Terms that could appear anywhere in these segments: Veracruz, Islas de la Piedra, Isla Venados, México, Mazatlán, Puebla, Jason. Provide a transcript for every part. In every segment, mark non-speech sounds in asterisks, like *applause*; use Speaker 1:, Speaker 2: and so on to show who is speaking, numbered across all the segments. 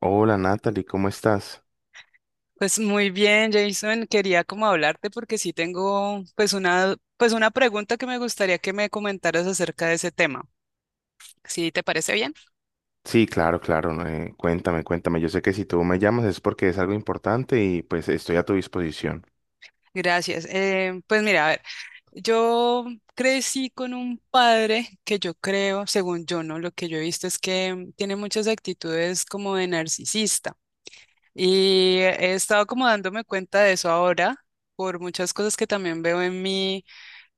Speaker 1: Hola Natalie, ¿cómo estás?
Speaker 2: Pues muy bien, Jason, quería como hablarte porque sí tengo una pregunta que me gustaría que me comentaras acerca de ese tema. ¿Sí te parece bien?
Speaker 1: Sí, claro, claro. Cuéntame, cuéntame. Yo sé que si tú me llamas es porque es algo importante y pues estoy a tu disposición.
Speaker 2: Gracias. Pues mira, a ver, yo crecí con un padre que yo creo, según yo, ¿no? Lo que yo he visto es que tiene muchas actitudes como de narcisista y he estado como dándome cuenta de eso ahora por muchas cosas que también veo en mí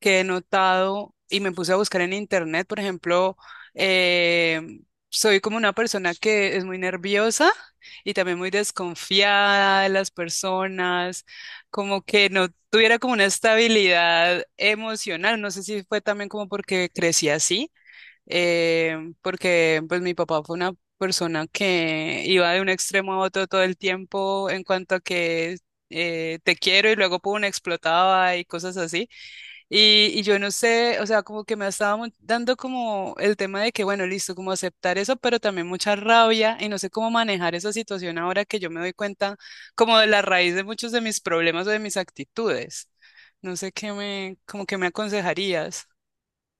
Speaker 2: que he notado y me puse a buscar en internet, por ejemplo, eh, soy como una persona que es muy nerviosa y también muy desconfiada de las personas, como que no tuviera como una estabilidad emocional. No sé si fue también como porque crecí así, eh, porque pues mi papá fue una persona que iba de un extremo a otro todo el tiempo en cuanto a que... te quiero y luego pum, explotaba y cosas así. Y yo no sé, o sea, como que me estaba dando como el tema de que, bueno, listo, como aceptar eso, pero también mucha rabia y no sé cómo manejar esa situación ahora que yo me doy cuenta como de la raíz de muchos de mis problemas o de mis actitudes. No sé qué me, como que me aconsejarías.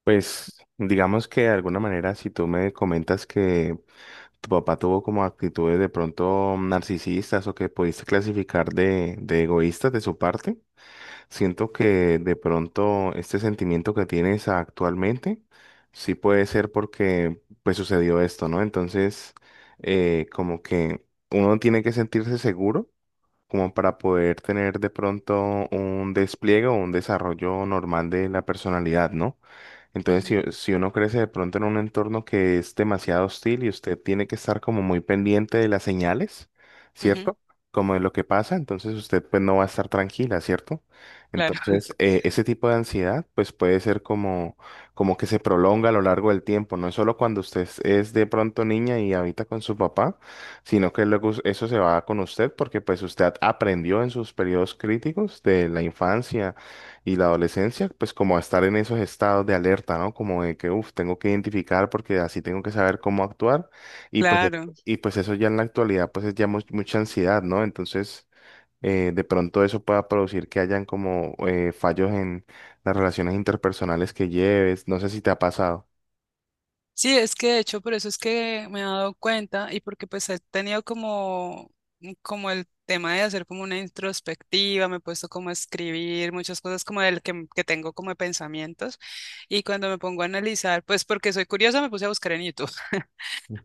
Speaker 1: Pues digamos que de alguna manera si tú me comentas que tu papá tuvo como actitudes de pronto narcisistas o que pudiste clasificar de egoístas de su parte. Siento que de pronto este sentimiento que tienes actualmente sí puede ser porque pues sucedió esto, ¿no? Entonces, como que uno tiene que sentirse seguro como para poder tener de pronto un despliegue o un desarrollo normal de la personalidad, ¿no? Entonces,
Speaker 2: Ujú,
Speaker 1: si uno crece de pronto en un entorno que es demasiado hostil y usted tiene que estar como muy pendiente de las señales,
Speaker 2: ujú,
Speaker 1: ¿cierto? Como de lo que pasa, entonces usted pues no va a estar tranquila, ¿cierto?
Speaker 2: claro, *laughs*
Speaker 1: Entonces, ese tipo de ansiedad pues puede ser como, como que se prolonga a lo largo del tiempo, no es solo cuando usted es de pronto niña y habita con su papá, sino que luego eso se va con usted porque pues usted aprendió en sus periodos críticos de la infancia y la adolescencia, pues como a estar en esos estados de alerta, ¿no? Como de que, uff, tengo que identificar porque así tengo que saber cómo actuar. Y pues,
Speaker 2: claro.
Speaker 1: y pues eso ya en la actualidad, pues es ya mucha ansiedad, ¿no? Entonces, de pronto eso pueda producir que hayan como fallos en las relaciones interpersonales que lleves. No sé si te ha pasado.
Speaker 2: Sí, es que de hecho por eso es que me he dado cuenta y porque pues he tenido como, mm, como el tema de hacer como una introspectiva, me he puesto como a escribir muchas cosas como del que, mm, que tengo como de pensamientos y cuando me pongo a analizar, pues porque soy curiosa me puse a buscar en YouTube.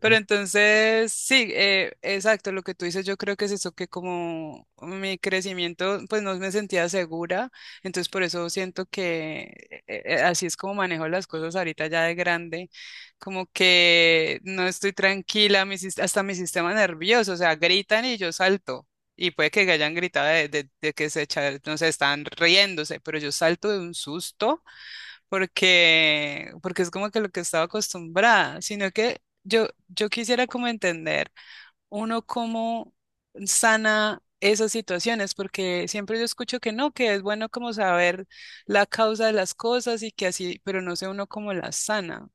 Speaker 2: Pero entonces, sí, exacto, lo que tú dices, yo creo que es eso, que como mi crecimiento, pues no me sentía segura, entonces por eso siento que así es como manejo las cosas ahorita ya de grande, como que no estoy tranquila, mi hasta mi sistema nervioso, o sea, gritan y yo salto. Y puede que hayan gritado de, de que se echa, no sé, están riéndose, pero yo salto de un susto porque, porque es como que lo que estaba acostumbrada, sino que yo quisiera como entender uno cómo sana esas situaciones, porque siempre yo escucho que no, que es bueno como saber la causa de las cosas y que así, pero no sé uno cómo las sana.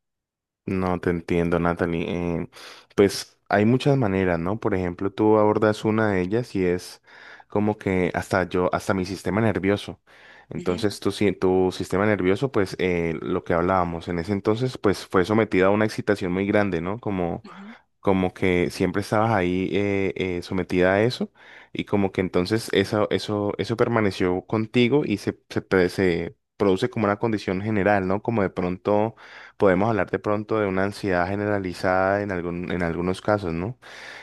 Speaker 1: No te entiendo, Natalie. Eh, pues hay muchas maneras, ¿no? Por ejemplo, tú abordas una de ellas y es como que hasta yo, hasta mi sistema nervioso.
Speaker 2: Ujú,
Speaker 1: Entonces, tu, si- tu sistema nervioso, pues lo que hablábamos en ese entonces, pues fue sometido a una excitación muy grande, ¿no? Como
Speaker 2: ujú,
Speaker 1: como que siempre estabas ahí sometida a eso y como que entonces eso permaneció contigo y se produce como una condición general, ¿no? Como de pronto podemos hablar de pronto de una ansiedad generalizada en algunos casos, ¿no?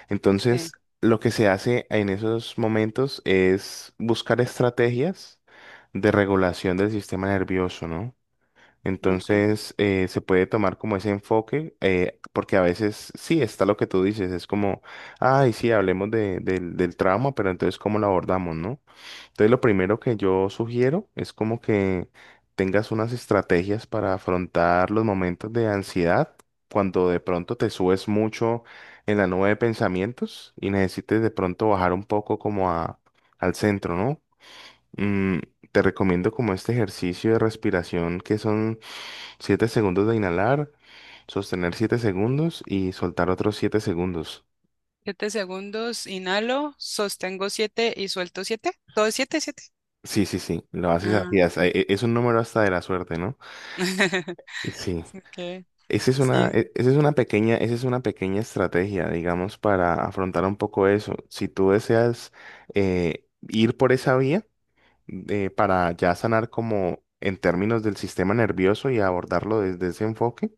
Speaker 1: Entonces,
Speaker 2: sí,
Speaker 1: lo que se hace en esos momentos es buscar estrategias de regulación del sistema nervioso, ¿no?
Speaker 2: ok.
Speaker 1: Entonces, se puede tomar como ese enfoque, porque a veces sí está lo que tú dices, es como, ay, sí, hablemos del trauma, pero entonces, ¿cómo lo abordamos, no? Entonces, lo primero que yo sugiero es como que tengas unas estrategias para afrontar los momentos de ansiedad, cuando de pronto te subes mucho en la nube de pensamientos y necesites de pronto bajar un poco como a, al centro, ¿no? Mm, te recomiendo como este ejercicio de respiración que son 7 segundos de inhalar, sostener 7 segundos y soltar otros 7 segundos.
Speaker 2: Siete segundos, inhalo, sostengo siete y suelto siete. Todo es siete, siete.
Speaker 1: Sí, sí, sí, lo haces
Speaker 2: Ah,
Speaker 1: así. as- e-
Speaker 2: ok.
Speaker 1: e- Es un número hasta de la suerte, ¿no?
Speaker 2: *laughs*
Speaker 1: Sí.
Speaker 2: Ok,
Speaker 1: Esa es una,
Speaker 2: sí.
Speaker 1: e- esa es una pequeña, esa es una pequeña estrategia, digamos, para afrontar un poco eso. Si tú deseas ir por esa vía para ya sanar como en términos del sistema nervioso y abordarlo desde ese enfoque,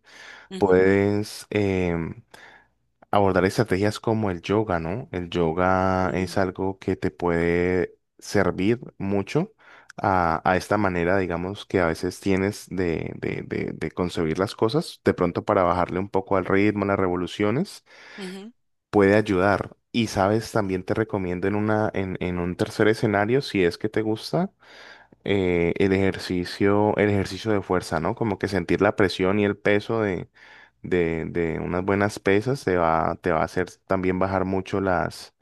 Speaker 2: Ujú,
Speaker 1: puedes abordar estrategias como el yoga, ¿no? El yoga
Speaker 2: mm,
Speaker 1: es algo que te puede servir mucho a esta manera, digamos, que a veces tienes de concebir las cosas. De pronto para bajarle un poco al ritmo, a las revoluciones,
Speaker 2: ujú.
Speaker 1: puede ayudar. Y sabes, también te recomiendo en un tercer escenario, si es que te gusta el ejercicio de fuerza, ¿no? Como que sentir la presión y el peso de unas buenas pesas te va a hacer también bajar mucho las,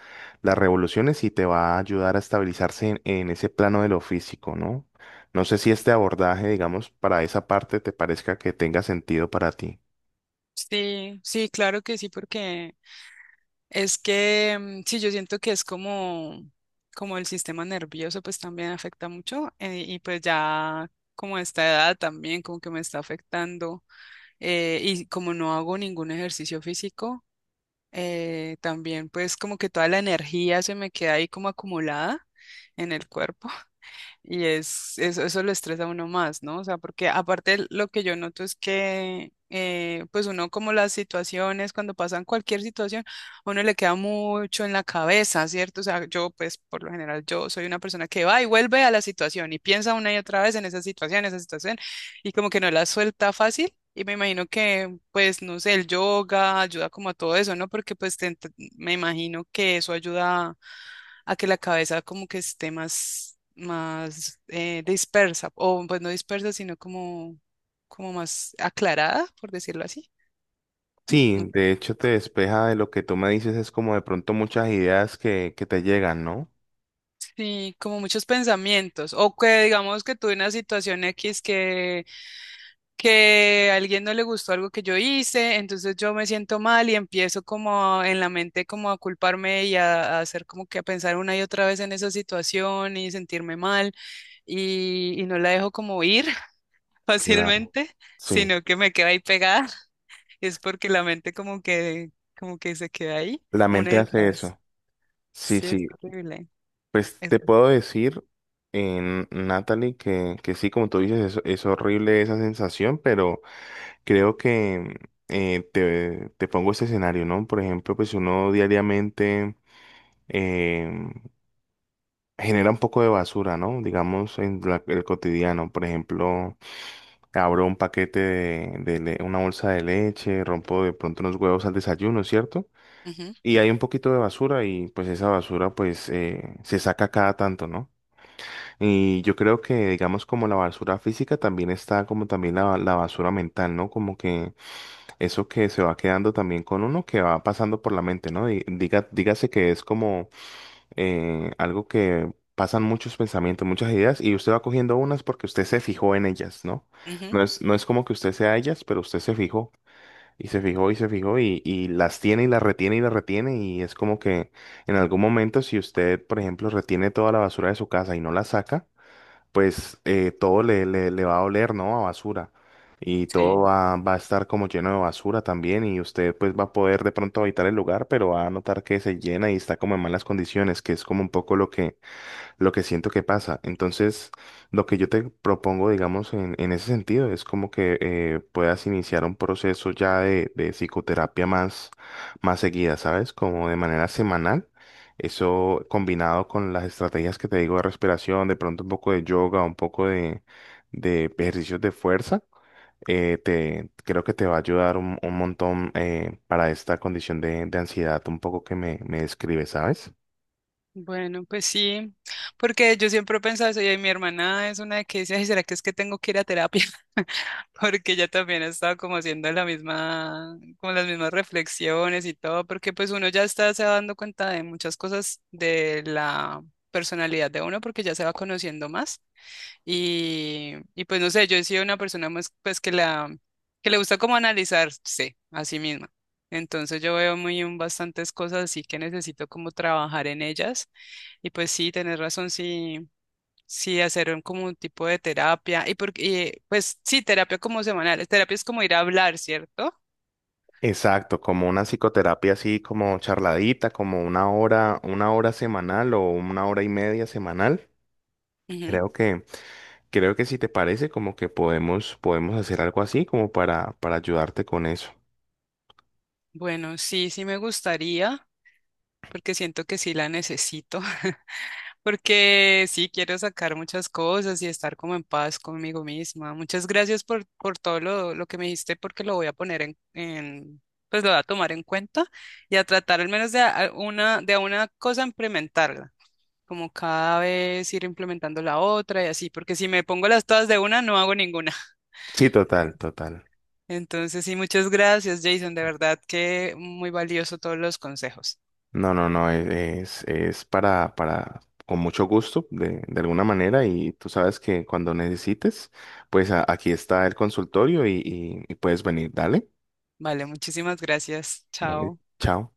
Speaker 1: las revoluciones y te va a ayudar a estabilizarse en ese plano de lo físico, ¿no? No sé si este abordaje, digamos, para esa parte te parezca que tenga sentido para ti.
Speaker 2: Sí, sí, claro que sí, porque es que mm, sí, yo siento que es como, como el sistema nervioso, pues también afecta mucho, y pues ya como a esta edad también como que me está afectando, y como no hago ningún ejercicio físico, también pues como que toda la energía se me queda ahí como acumulada en el cuerpo. Y es, eso lo estresa a uno más, ¿no? O sea, porque aparte lo que yo noto es que, pues uno como las situaciones, cuando pasan cualquier situación, a uno le queda mucho en la cabeza, ¿cierto? O sea, yo pues por lo general yo soy una persona que va y vuelve a la situación y piensa una y otra vez en esa situación, y como que no la suelta fácil. Y me imagino que, pues, no sé, el yoga ayuda como a todo eso, ¿no? Porque pues te me imagino que eso ayuda a que la cabeza como que esté más, más dispersa, o pues no dispersa, sino como, como más aclarada, por decirlo así. No.
Speaker 1: Sí, de hecho te despeja de lo que tú me dices, es como de pronto muchas ideas que te llegan, ¿no?
Speaker 2: Sí, como muchos pensamientos, o que digamos que tuve una situación X que a alguien no le gustó algo que yo hice, entonces yo me siento mal y empiezo como en la mente como a culparme y a hacer como que a pensar una y otra vez en esa situación y sentirme mal y no la dejo como ir
Speaker 1: Claro.
Speaker 2: fácilmente,
Speaker 1: Sí,
Speaker 2: sino que me queda ahí pegada. *laughs* Es porque la mente como que se queda ahí
Speaker 1: la
Speaker 2: una
Speaker 1: mente
Speaker 2: y otra
Speaker 1: hace
Speaker 2: vez.
Speaker 1: eso. Sí,
Speaker 2: Sí, es
Speaker 1: sí.
Speaker 2: horrible.
Speaker 1: Pues
Speaker 2: Es-
Speaker 1: te puedo decir, en Natalie, que sí, como tú dices, es, horrible esa sensación, pero creo que te pongo este escenario, ¿no? Por ejemplo, pues uno diariamente em, genera un poco de basura, ¿no? Digamos, en el cotidiano. Por ejemplo, abro un paquete una bolsa de leche, rompo de pronto unos huevos al desayuno, ¿cierto?
Speaker 2: ujú,
Speaker 1: Y hay un poquito de basura y pues esa basura pues se saca cada tanto, ¿no? Y yo creo que, digamos, como la basura física también está como también la basura mental, ¿no? Como que eso que se va quedando también con uno, que va pasando por la mente, ¿no? Dígase que es como algo que pasan muchos pensamientos, muchas ideas, y usted va cogiendo unas porque usted se fijó en ellas, ¿no?
Speaker 2: ujú,
Speaker 1: No es, no es como que usted sea ellas, pero usted se fijó, y se fijó, y se fijó, y las tiene, y las retiene, y las retiene, y es como que en algún momento, si usted, por ejemplo, retiene toda la basura de su casa y no la saca, pues todo le va a oler, ¿no? A basura. Y todo
Speaker 2: sí.
Speaker 1: va a estar como lleno de basura también y usted pues va a poder de pronto habitar el lugar, pero va a notar que se llena y está como en malas condiciones, que es como un poco lo que siento que pasa. Entonces, lo que yo te propongo, digamos, en ese sentido, es como que puedas iniciar un proceso ya de psicoterapia más seguida, ¿sabes? Como de manera semanal. Eso combinado con las estrategias que te digo de respiración, de pronto un poco de yoga, un poco de ejercicios de fuerza, creo que te va a ayudar un montón para esta condición de ansiedad un poco que me describe, ¿sabes?
Speaker 2: Bueno, pues sí, porque yo siempre he pensado eso y mi hermana es una que dice, "Ay, ¿será que es que tengo que ir a terapia?" *laughs* Porque ella también ha estado como haciendo la misma, como las mismas reflexiones y todo, porque pues uno ya está se va dando cuenta de muchas cosas de la personalidad de uno porque ya se va conociendo más. Y pues no sé, yo he sido una persona más pues que la que le gusta como analizarse a sí misma. Entonces yo veo muy bastantes cosas así que necesito como trabajar en ellas. Y pues sí, tenés razón, sí, sí hacer un, como un tipo de terapia. Y porque pues sí, terapia como semanal. Terapia es como ir a hablar, ¿cierto?
Speaker 1: Exacto, como una psicoterapia así como charladita, como una hora semanal o una hora y media semanal.
Speaker 2: Ujú.
Speaker 1: Creo que, creo que si te parece, como que podemos hacer algo así como para, ayudarte con eso.
Speaker 2: Bueno, sí, sí me gustaría, porque siento que sí la necesito. *laughs* Porque sí quiero sacar muchas cosas y estar como en paz conmigo misma. Muchas gracias por todo lo que me dijiste, porque lo voy a poner en, pues lo voy a tomar en cuenta y a tratar al menos de a una, de a una cosa implementarla, como cada vez ir implementando la otra y así, porque si me pongo las todas de una, no hago ninguna.
Speaker 1: Sí,
Speaker 2: *laughs*
Speaker 1: total,
Speaker 2: Entonces,
Speaker 1: total.
Speaker 2: entonces sí, muchas gracias, Jason, de verdad que muy valioso todos los consejos.
Speaker 1: No, no, no, es para, con mucho gusto, de alguna manera, y tú sabes que cuando necesites, pues aquí está el consultorio, y puedes venir. Dale,
Speaker 2: Vale, muchísimas gracias.
Speaker 1: dale,
Speaker 2: Chao.
Speaker 1: chao.